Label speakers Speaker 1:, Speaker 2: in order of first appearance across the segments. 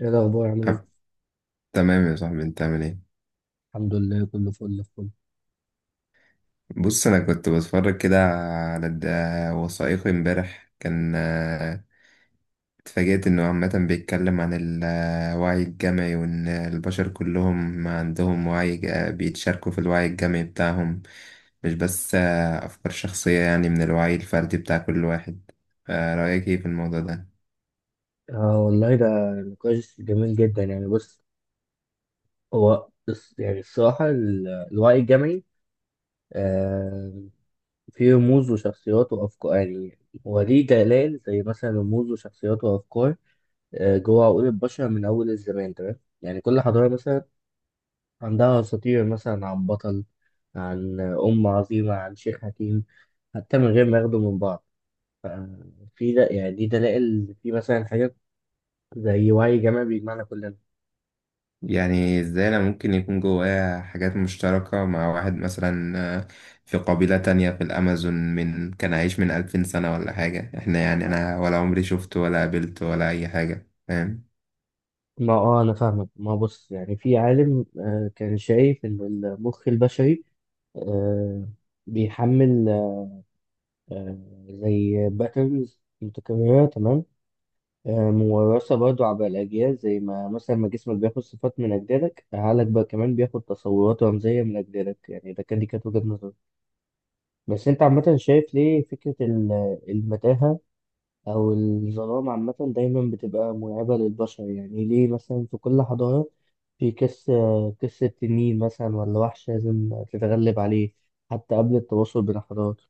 Speaker 1: ايه الاخبار؟ عامل
Speaker 2: أب-
Speaker 1: ايه؟
Speaker 2: تمام يا صاحبي، انت عامل ايه؟
Speaker 1: الحمد لله، كله فل الفل.
Speaker 2: بص، انا كنت بتفرج كده على وثائقي امبارح. كان، اتفاجأت انه عامة بيتكلم عن الوعي الجمعي، وان البشر كلهم عندهم بيتشاركوا في الوعي الجمعي بتاعهم، مش بس افكار شخصية، يعني من الوعي الفردي بتاع كل واحد. رأيك ايه في الموضوع ده؟
Speaker 1: اه والله، ده نقاش جميل جدا يعني. بص، يعني الصراحه الوعي الجمعي، آه فيه رموز وشخصيات وافكار يعني، هو ليه جلال زي مثلا رموز وشخصيات وافكار، جوه عقول البشر من اول الزمان. تمام، يعني كل حضاره مثلا عندها اساطير مثلا عن بطل، عن ام عظيمه، عن شيخ حكيم، حتى من غير ما ياخدوا من بعض. ف- في ده يعني دي دلائل في مثلا حاجات زي وعي جمعي بيجمعنا كلنا.
Speaker 2: يعني ازاي انا ممكن يكون جوايا حاجات مشتركة مع واحد مثلا في قبيلة تانية في الأمازون، من كان عايش من 2000 سنة ولا حاجة، احنا يعني أنا ولا عمري شفته ولا قابلته ولا أي حاجة، فاهم؟
Speaker 1: ما انا فاهمك. ما بص، يعني في عالم كان شايف ان المخ البشري آه بيحمل آه زي باترنز متكررة. تمام، موراثة برضو عبر الأجيال، زي ما مثلا ما جسمك بياخد صفات من أجدادك، عقلك بقى كمان بياخد تصورات رمزية من أجدادك. يعني ده كان دي كانت وجهة نظري. بس أنت عامة، شايف ليه فكرة المتاهة أو الظلام عامة دايما بتبقى مرعبة للبشر؟ يعني ليه مثلا في كل حضارة في قصة تنين مثلا ولا وحش لازم تتغلب عليه، حتى قبل التواصل بين الحضارات؟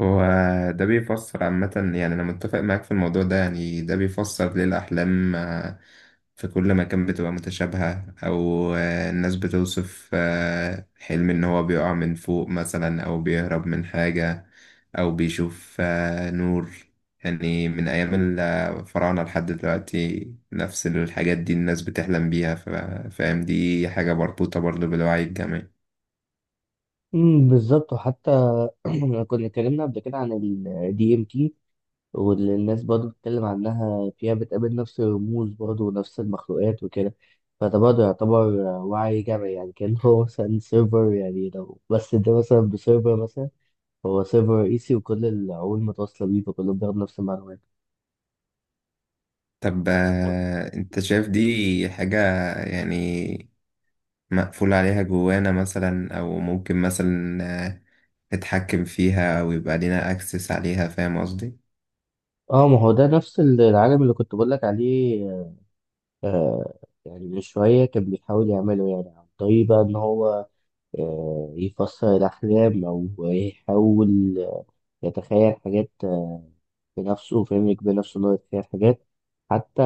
Speaker 2: هو ده بيفسر عامة، يعني أنا متفق معاك في الموضوع ده. يعني ده بيفسر ليه الأحلام في كل مكان بتبقى متشابهة، أو الناس بتوصف حلم إن هو بيقع من فوق مثلا، أو بيهرب من حاجة، أو بيشوف نور. يعني من أيام الفراعنة لحد دلوقتي نفس الحاجات دي الناس بتحلم بيها. فاهم، دي حاجة مربوطة برضه بالوعي الجمعي.
Speaker 1: أمم، بالظبط. وحتى كنا اتكلمنا قبل كده عن ال DMT، واللي الناس برضه بتتكلم عنها فيها بتقابل نفس الرموز برضه ونفس المخلوقات وكده. فده برضه يعتبر وعي جمعي، يعني كان هو مثلا سيرفر، يعني لو بس ده مثلا بسيرفر مثلا، هو سيرفر رئيسي وكل العقول متواصلة بيه فكلهم بياخدوا نفس المعلومات.
Speaker 2: طب
Speaker 1: طب-
Speaker 2: أنت شايف دي حاجة يعني مقفول عليها جوانا مثلا، أو ممكن مثلا نتحكم فيها ويبقى لينا اكسس عليها؟ فاهم قصدي؟
Speaker 1: اه، ما هو ده نفس العالم اللي كنت بقول لك عليه. آه يعني من شوية كان بيحاول يعمله، يعني عن طريق بقى إن هو يفسر الأحلام أو يحاول يتخيل حاجات بنفسه، فاهم، يجبر نفسه إن هو يتخيل حاجات. حتى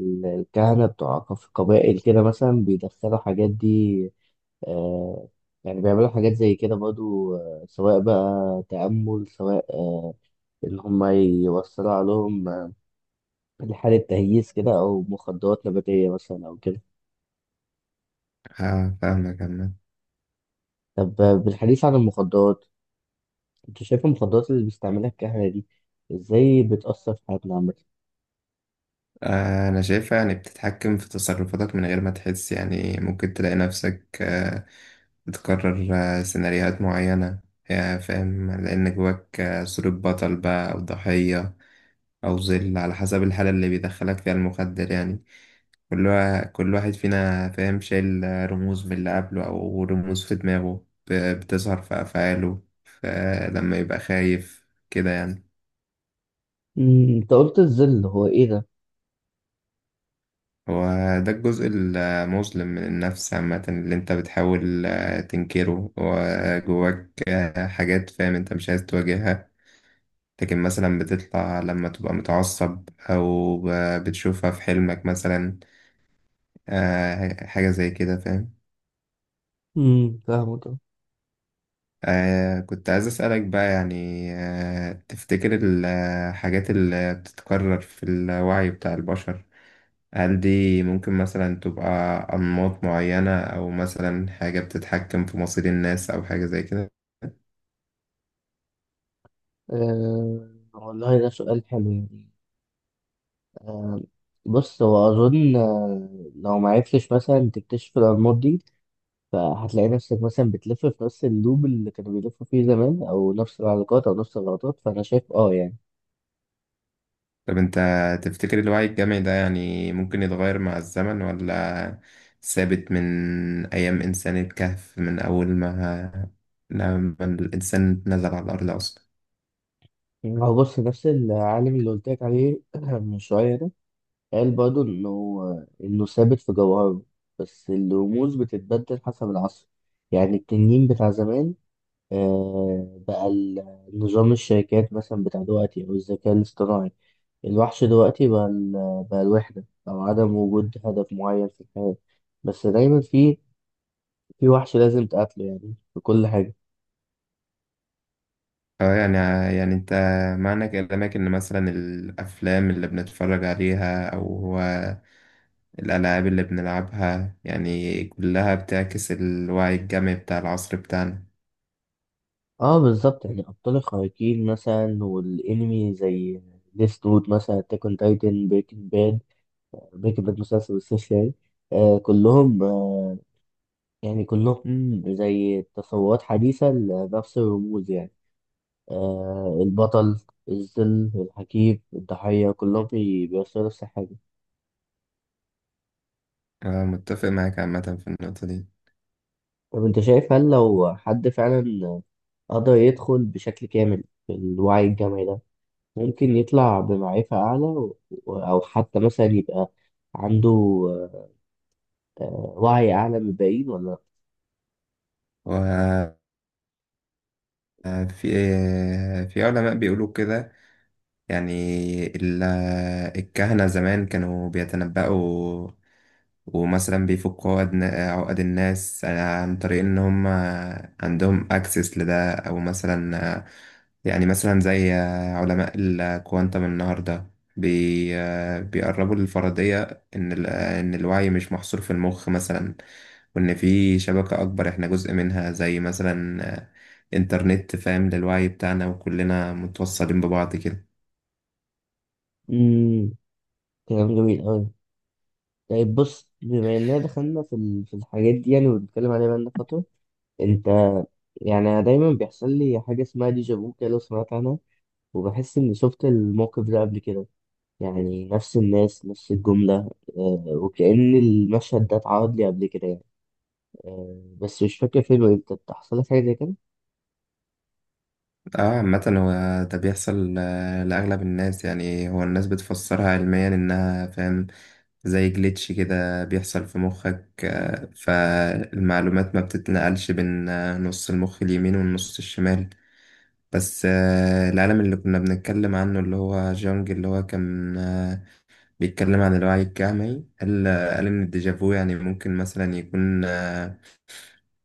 Speaker 1: الكهنة بتوع قبائل كده مثلا بيدخلوا حاجات دي. آه يعني بيعملوا حاجات زي كده برضو، سواء بقى تأمل، سواء إن هما يوصلوا عليهم لحالة تهييس كده أو مخدرات نباتية مثلا أو كده.
Speaker 2: اه، فاهمك عامة.
Speaker 1: طب، بالحديث عن المخدرات، انت شايف المخدرات اللي بيستعملها الكهنة دي ازاي بتأثر في حياتنا عامة؟
Speaker 2: انا شايفها يعني بتتحكم في تصرفاتك من غير ما تحس، يعني ممكن تلاقي نفسك بتكرر سيناريوهات معينة، يا فاهم، لان جواك صورة بطل بقى او ضحية او ظل، على حسب الحالة اللي بيدخلك فيها المخدر. يعني كل واحد فينا، فاهم، شايل رموز من اللي قبله، او رموز في دماغه بتظهر في افعاله لما يبقى خايف كده يعني.
Speaker 1: أمم، انت قلت الظل، هو ايه ده؟
Speaker 2: هو ده الجزء المظلم من النفس عامة، اللي انت بتحاول تنكره، وجواك حاجات، فاهم، انت مش عايز تواجهها. لكن مثلا بتطلع لما تبقى متعصب، أو بتشوفها في حلمك مثلا. حاجة زي كده، فاهم.
Speaker 1: امم، فاهمه ده.
Speaker 2: كنت عايز أسألك بقى، يعني تفتكر الحاجات اللي بتتكرر في الوعي بتاع البشر، هل دي ممكن مثلا تبقى أنماط معينة، أو مثلا حاجة بتتحكم في مصير الناس أو حاجة زي كده؟
Speaker 1: آه والله، ده سؤال حلو يعني. آه بص، هو أظن، لو معرفتش مثلا تكتشف الأنماط دي، فهتلاقي نفسك مثلا بتلف في نفس اللوب اللي كانوا بيلفوا فيه زمان، أو نفس العلاقات، أو نفس الغلطات. فأنا شايف يعني.
Speaker 2: طب أنت تفتكر الوعي الجمعي ده يعني ممكن يتغير مع الزمن، ولا ثابت من أيام إنسان الكهف، من أول ما لما الإنسان نزل على الأرض أصلا؟
Speaker 1: هو بص، نفس العالم اللي قلت لك عليه من شوية ده، قال برضه إن هو إنه ثابت في جوهره، بس الرموز بتتبدل حسب العصر. يعني التنين بتاع زمان بقى نظام الشركات مثلا بتاع دلوقتي، أو الذكاء الاصطناعي. الوحش دلوقتي بقى، بقى الوحدة أو عدم وجود هدف معين في الحياة. بس دايما في وحش لازم تقاتله، يعني في كل حاجة.
Speaker 2: اه، يعني، يعني أنت معنى كلامك إن مثلا الأفلام اللي بنتفرج عليها، أو الألعاب اللي بنلعبها، يعني كلها بتعكس الوعي الجمعي بتاع العصر بتاعنا.
Speaker 1: اه بالظبط، يعني أبطال الخارقين مثلا، والأنمي زي ديث نوت مثلا، أتاك أون تايتن، بريكنج باد. بريكنج باد مسلسل بالصوص يعني. آه كلهم آه يعني كلهم زي تصورات حديثة لنفس الرموز يعني. البطل، الظل، الحكيم، الضحية، كلهم بيوصلوا نفس الحاجة.
Speaker 2: أنا متفق معاك عامة في النقطة دي.
Speaker 1: طب أنت شايف، هل لو حد فعلا قدر يدخل بشكل كامل في الوعي الجمعي ده، ممكن يطلع بمعرفة أعلى أو حتى مثلا يبقى عنده آه، وعي أعلى من الباقيين ولا لأ؟
Speaker 2: وفي علماء بيقولوا كده. يعني ال- الكهنة زمان كانوا بيتنبأوا، ومثلا بيفكوا عقد الناس، عن طريق ان هم عندهم اكسس لده، او مثلا، يعني مثلا زي علماء الكوانتم النهارده بي بيقربوا للفرضية ان الوعي مش محصور في المخ مثلا، وان في شبكة اكبر احنا جزء منها، زي مثلا انترنت، فاهم، للوعي بتاعنا، وكلنا متوصلين ببعض كده.
Speaker 1: مم، كلام جميل أوي. طيب بص، بما اننا دخلنا في الحاجات دي يعني، وبنتكلم عليها بقالنا فتره. انت يعني، أنا دايما بيحصل لي حاجه اسمها ديجا فو كده، لو سمعت عنها، وبحس اني شفت الموقف ده قبل كده يعني، نفس الناس، نفس الجمله، وكأن المشهد ده اتعرض لي قبل كده يعني. بس مش فاكر فين وامتى. أنت حصل لك حاجه زي كده؟
Speaker 2: اه، عامة هو ده بيحصل لأغلب الناس. يعني هو الناس بتفسرها علميا، إنها، فاهم، زي جليتش كده بيحصل في مخك، فالمعلومات ما بتتنقلش بين نص المخ اليمين والنص الشمال. بس العالم اللي كنا بنتكلم عنه، اللي هو جونج، اللي هو كان بيتكلم عن الوعي الجمعي، قال إن الديجافو يعني ممكن مثلا يكون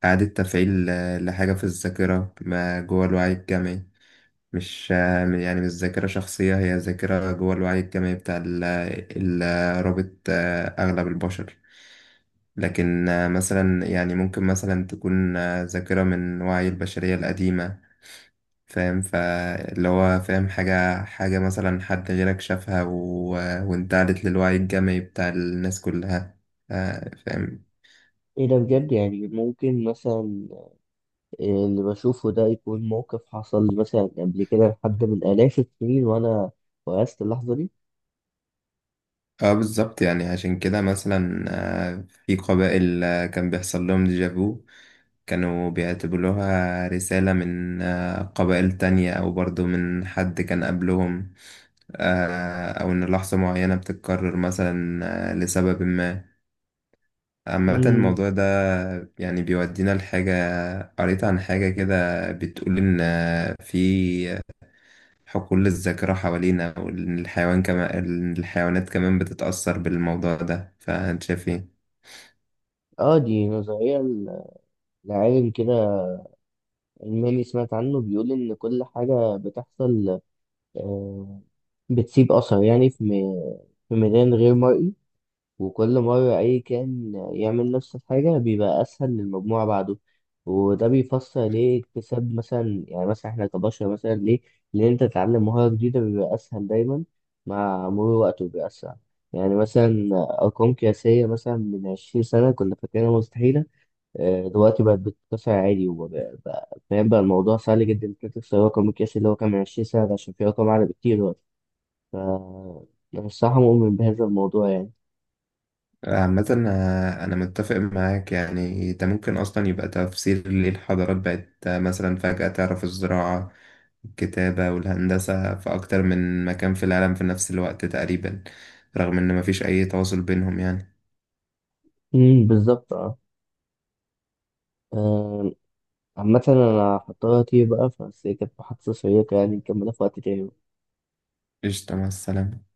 Speaker 2: إعادة تفعيل لحاجة في الذاكرة ما، جوه الوعي الجمعي. مش يعني مش ذاكرة شخصية، هي ذاكرة جوه الوعي الجمعي بتاع رابط أغلب البشر. لكن مثلا يعني ممكن مثلا تكون ذاكرة من وعي البشرية القديمة، فاهم. فاللي هو، فاهم، حاجة مثلا حد غيرك شافها و... وانتقلت للوعي الجمعي بتاع الناس كلها، فاهم.
Speaker 1: ايه ده بجد؟ يعني ممكن مثلا اللي بشوفه ده يكون موقف حصل مثلا قبل كده لحد من آلاف السنين، وانا وقست اللحظه
Speaker 2: اه، بالظبط. يعني عشان كده مثلا في قبائل كان بيحصل لهم ديجافو، كانوا بيعتبروها رسالة من قبائل تانية، أو برضو من حد كان قبلهم، أو إن لحظة معينة بتتكرر مثلا لسبب ما. عامة
Speaker 1: دي.
Speaker 2: الموضوع ده يعني بيودينا لحاجة. قريت عن حاجة كده بتقول إن في حقول الذاكرة حوالينا، وإن الحيوان كمان، الحيوانات كمان بتتأثر بالموضوع ده. فأنت شايف إيه؟
Speaker 1: اه، دي نظرية لعالم كده ألماني سمعت عنه، بيقول إن كل حاجة بتحصل آه، بتسيب أثر، يعني في ميدان غير مرئي، وكل مرة أي كائن يعمل نفس الحاجة بيبقى أسهل للمجموعة بعده. وده بيفسر ليه اكتساب مثلا، يعني مثلا إحنا كبشر مثلا ليه، لأن أنت تتعلم مهارة جديدة بيبقى أسهل دايما مع مرور الوقت وبيبقى أسرع. يعني مثلا أرقام قياسية مثلا من 20 سنة كنا فاكرينها مستحيلة، دلوقتي بقت بتتكسر عادي، فاهم بقى الموضوع سهل جدا انك تكسر رقم القياسي اللي هو كان من 20 سنة ده، عشان في رقم أعلى بكتير دلوقتي. ف أنا الصراحة مؤمن بهذا الموضوع يعني.
Speaker 2: عامة أنا متفق معاك. يعني ده ممكن أصلا يبقى تفسير ليه الحضارات بقت مثلا فجأة تعرف الزراعة الكتابة والهندسة في أكتر من مكان في العالم، في نفس الوقت تقريبا، رغم إن مفيش أي تواصل بينهم يعني.
Speaker 1: امم، بالظبط اه. آم، عامة أنا هضطر أطير بقى، بس هي كانت محادثة شيقة يعني، نكملها في وقت تاني.
Speaker 2: قشطة، مع السلامة.